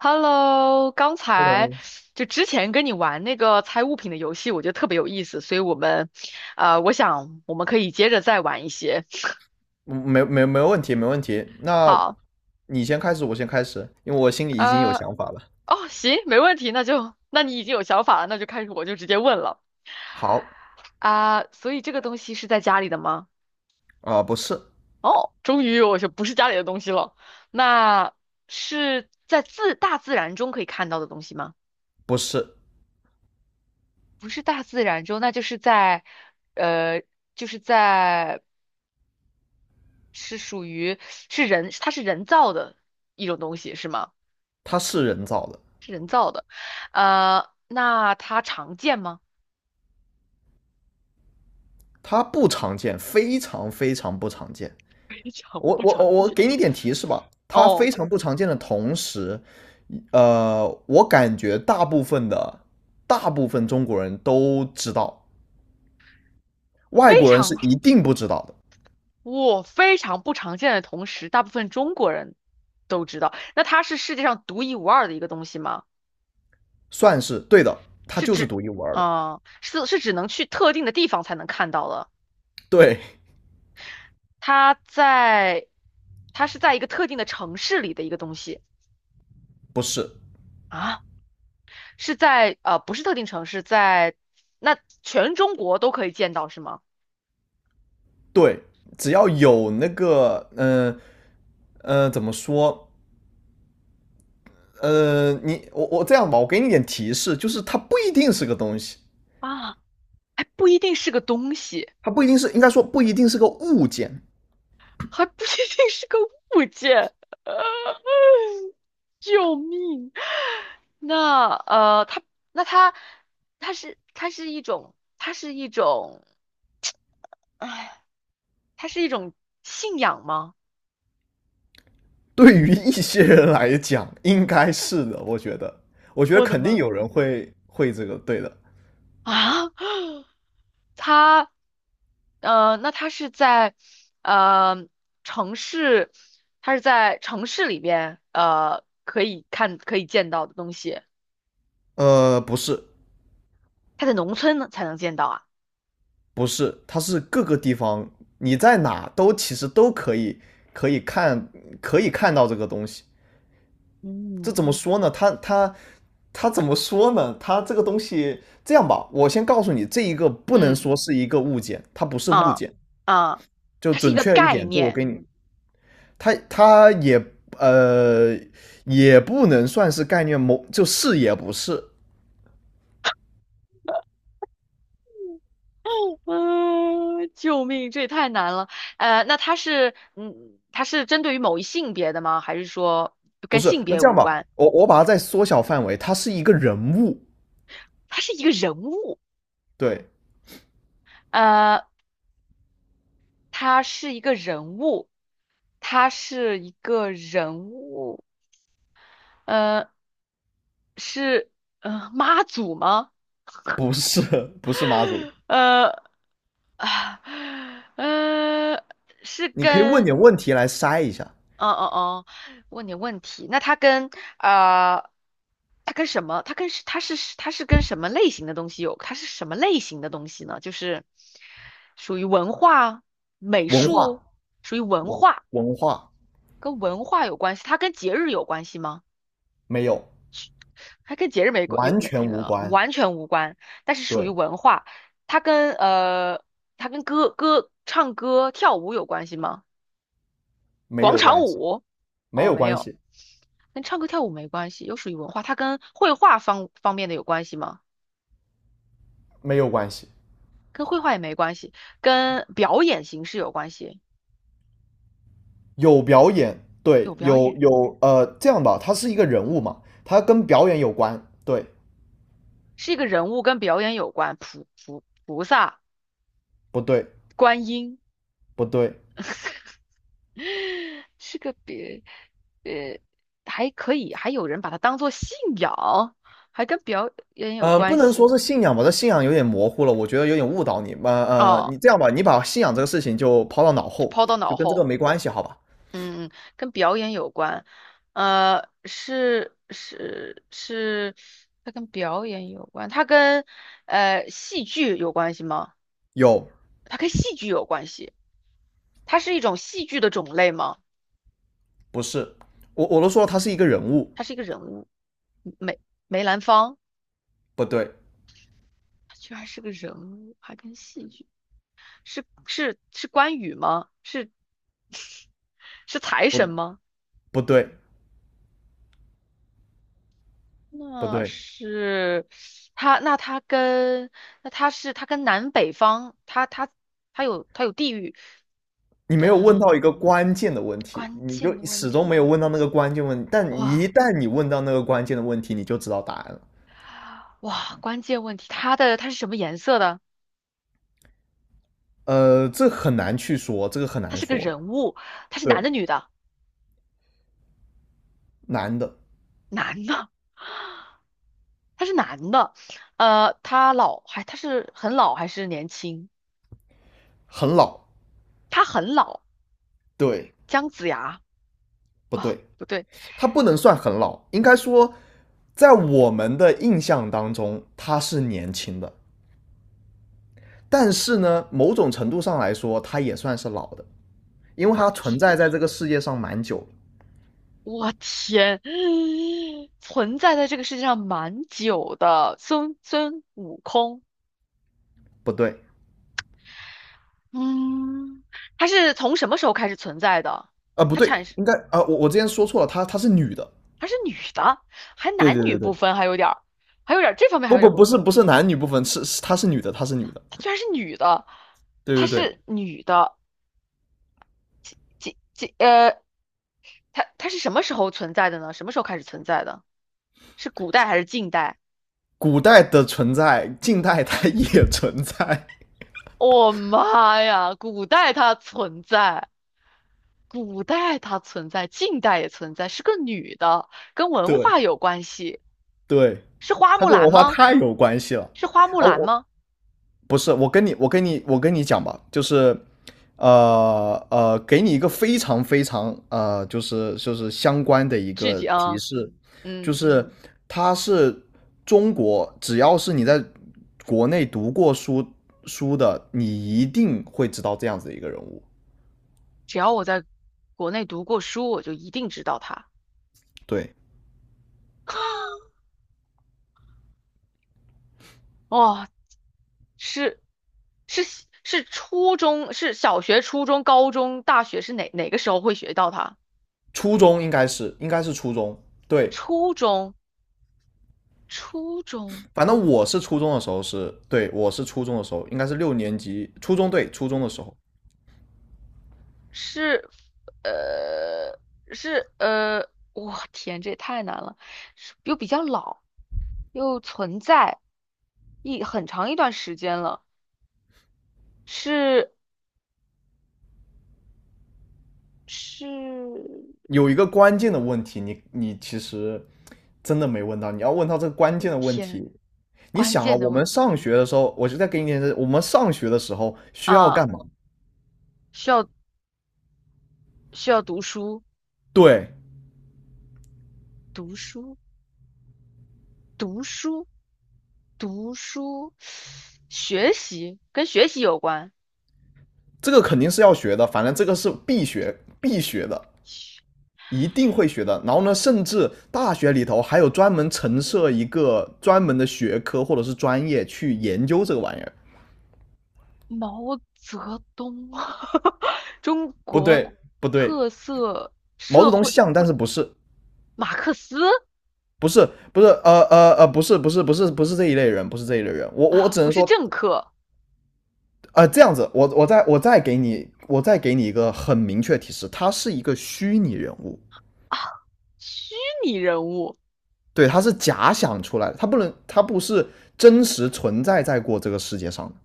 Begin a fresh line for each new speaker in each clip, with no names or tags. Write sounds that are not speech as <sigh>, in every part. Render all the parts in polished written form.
Hello，刚才
Hello，
就之前跟你玩那个猜物品的游戏，我觉得特别有意思，所以我们，我想我们可以接着再玩一些。
嗯,没问题，没问题。那
好，
你先开始，我先开始，因为我心里已经有
呃，
想法了。
哦，行，没问题，那就，那你已经有想法了，那就开始，我就直接问了
好，
啊，所以这个东西是在家里的吗？
不是，
哦，终于我就不是家里的东西了，那是在大自然中可以看到的东西吗？
不是，
不是大自然中，那就是在，呃，就是在。是属于是人，它是人造的一种东西，是吗？
它是人造的，
那它常见吗？
它不常见，非常非常不常见。
<laughs> 非常
我
不
我我
常
我
见。
给你点提示吧，它非
哦，
常不常见的同时，我感觉大部分中国人都知道，外
非
国人是
常，
一定不知道的，
我非常不常见的同时，大部分中国人都知道。那它是世界上独一无二的一个东西吗？
算是对的，它
是
就
指，
是独一无二的。
是只能去特定的地方才能看到的。
对，
它在，它是在一个特定的城市里的一个东西
不是。
啊。是在呃不是特定城市，在那全中国都可以见到是吗？
对，只要有那个，嗯,怎么说？我这样吧，我给你点提示，就是它不一定是个东西，
啊，还不一定是个东西，
它不一定是，应该说不一定是个物件。
还不一定是个物件，<laughs> 救命！它那它它是它是一种它是一种，哎，它是一种信仰吗？
对于一些人来讲，应该是的，我觉得，我觉得
我的
肯定
妈！
有人会这个，对的。
啊，它，那它是在，呃，城市，它是在城市里边，可以见到的东西，
呃，不是，
它在农村呢才能见到啊。
不是，它是各个地方，你在哪都其实都可以可以看可以看到这个东西。这
嗯
怎么说呢？他他怎么说呢？他这个东西这样吧，我先告诉你，这一个不能
嗯，
说是一个物件，它不是物
啊
件。
啊，
就
它是一
准
个
确一
概
点，就我
念。
给你，它呃也不能算是概念，某就是也不是，
嗯，救命，这也太难了。那它是，它是针对于某一性别的吗？还是说
不
跟
是。
性
那
别
这样
无
吧，
关？
我把它再缩小范围，它是一个人物，
它是一个人物。
对，
呃。他是一个人物，他是一个人物,呃，是妈祖吗？
不是 <laughs> 不是妈祖。
呃啊呃，是
你可以问
跟
点问题来筛一下，
哦哦哦，问你问题，那他跟啊，他跟什么？他跟是他是他是跟什么类型的东西有？他是什么类型的东西呢？就是属于文化、美
文
术，
化
属于文
文
化，
文化
跟文化有关系，它跟节日有关系吗？
没有，
还跟节日没关，有
完
没
全无
呃
关，
完全无关，但是属于
对。
文化。它跟呃，它跟唱歌跳舞有关系吗？
没
广
有
场
关系，
舞？
没
哦，
有
没
关
有，
系，
跟唱歌跳舞没关系，又属于文化。它跟绘画方面的有关系吗？
没有关系。
跟绘画也没关系，跟表演形式有关系，
有表演，对，
有表
有
演，
有呃，这样吧，他是一个人物嘛，他跟表演有关，对，
是一个人物跟表演有关，菩萨、
不对？
观音
不对，
<laughs> 是个别，呃，还可以，还有人把它当做信仰，还跟表演有
呃，不
关
能说
系
是信仰吧，这信仰有点模糊了，我觉得有点误导你。
哦，
你这样吧，你把信仰这个事情就抛到脑后，
抛到
就
脑
跟这个
后，
没关系，好吧？
嗯，跟表演有关，是是是，它跟表演有关，它跟戏剧有关系吗？
有，
它跟戏剧有关系，它是一种戏剧的种类吗？
不是，我都说了，他是一个人物，
它是一个人物，梅梅兰芳，
不对，
它居然是个人物，还跟戏剧。是关羽吗？是是财
不
神吗？
不对，不
那
对，
是那他跟那他是他跟南北方，他有地域，
你没有问到一
嗯，
个关键的问题，
关
你就
键的问
始终
题，
没有问到，那个关键问题。但一
哇
旦你问到那个关键的问题。你就知道答案了。
哇，关键问题，他是什么颜色的？
呃，这很难去说，这个很
他
难
是个
说。
人物，他是
对，
男的女的？
男的
男的，他是男的，他老还他是很老还是年轻？
很老，
他很老，
对
姜子牙。
不
哦，
对？
不对，
他不能算很老，应该说，在我们的印象当中，他是年轻的。但是呢，某种程度上来说，他也算是老的，因为他
我
存在在这个世界上蛮久。
我天，存在在这个世界上蛮久的，孙悟空，
不对，
嗯，他是从什么时候开始存在的？
不
他
对，
产生，
应该啊、呃我之前说错了，她是女的，
他是女的，还
对
男
对
女
对
不
对，
分，还有点儿这方面还
不
有
不
点儿模
不
糊，
是不是男女不分，是她是女的，她是女的，
她居然是女的，
对
她
对对，
是女的，几几呃，她是什么时候存在的呢？什么时候开始存在的？是古代还是近代？
古代的存在，近代它 <laughs> 也存在，
妈呀，古代它存在。古代它存在，近代也存在，是个女的，跟
<laughs>
文
对
化有关系，
对，
是花
它
木
跟
兰
文化
吗？
太有关系了。
是花木
哦，
兰
我
吗？
不是，我跟你，我跟你，我跟你讲吧，就是，给你一个非常非常就是相关的一
具
个
体
提
啊，
示，就
嗯，
是他是中国，只要是你在国内读过书的，你一定会知道这样子的一个人物。
只要我在国内读过书，我就一定知道她。
对，
哦，是是是初中，是小学、初中、高中、大学是哪个时候会学到它？
初中应该是初中，对，
初中，初中
反正我是初中的时候是，对，我是初中的时候，应该是六年级，初中，对，初中的时候。
是呃我天，这也太难了，是又比较老。又存在很长一段时间了，是是，
有一个关键的问题，你其实真的没问到，你要问到这个关
我
键的问
天，
题。你
关
想啊，
键的
我们
问题
上学的时候，我就在给你点我们上学的时候需要
啊，
干嘛？
需要需要
对，
读书，读书，读书,学习跟学习有关，
这个肯定是要学的，反正这个是必学的，一定会学的。然后呢，甚至大学里头还有专门陈设一个专门的学科或者是专业去研究这个玩意儿。
毛泽东，<laughs> 中
不
国
对，不对，
特色
毛
社
泽东
会
像，但是不是。
马克思
不是不是这一类人，不是这一类人。我我
啊，
只
不
能
是
说，
政客，
呃这样子，我再给你一个很明确提示，他是一个虚拟人物，
虚拟人物。
对，他是假想出来的，他不是真实存在在过这个世界上的。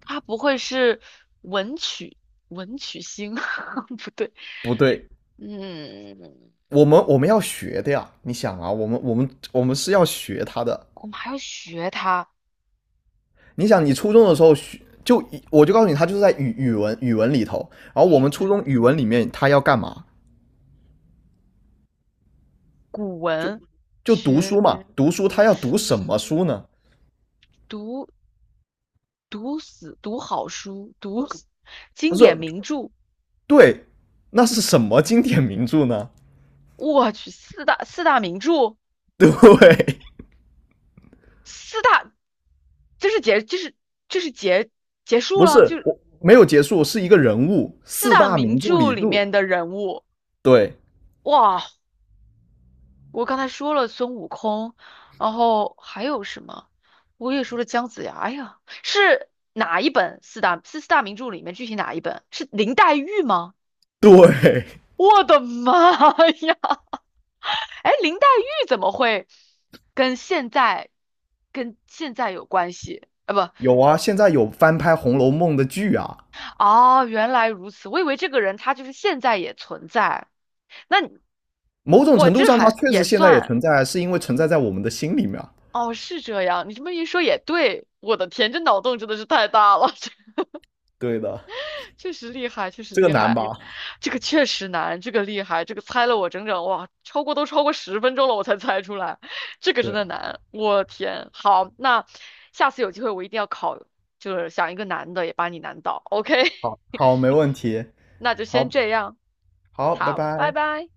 他不会是文曲文曲星？<laughs> 不对，
不对，
嗯，
我们要学的呀，你想啊，我们我们是要学他的。
我们还要学他
你想，你初中的时候学就我就告诉你，他就是在语文里头，然后我
语
们初中
文、
语文里面他要干嘛？
古
就
文，
就读
学
书嘛，读书他
读
要读
书，
什么书呢？
读读死，读好书，读
不
经
是，
典名著。
对，那是什么经典名著呢？
我去，四大名著，
<laughs> 对，
四大就是结就是就是结结束
不是，
了，就是
我没有结束，是一个人物，
四
四
大
大
名
名著
著
里
里
著，
面的人物。
对
哇，我刚才说了孙悟空，然后还有什么？我也说了姜子牙。哎呀，是哪一本四大名著里面具体哪一本？是林黛玉吗？
对，
我的妈呀！哎，林黛玉怎么会跟现在跟现在有关系？啊不，
有啊，现在有翻拍《红楼梦》的剧啊，
哦，原来如此，我以为这个人他就是现在也存在。那你
某种
我
程度
这
上它
还
确实
也
现在也
算。
存在，是因为存在在我们的心里面啊，
哦，是这样，你这么一说也对，我的天，这脑洞真的是太大了，<laughs> 这
对的，
确实厉害，确实
这个
厉
难
害，
吧？
这个确实难，这个厉害，这个猜了我整整哇，超过10分钟了，我才猜出来，这个真的
对，
难，我天，好，那下次有机会我一定要考，就是想一个难的也把你难倒，OK,
好，好，没
<laughs>
问题，
那就先
好
这样，
好，拜
好，拜
拜。
拜。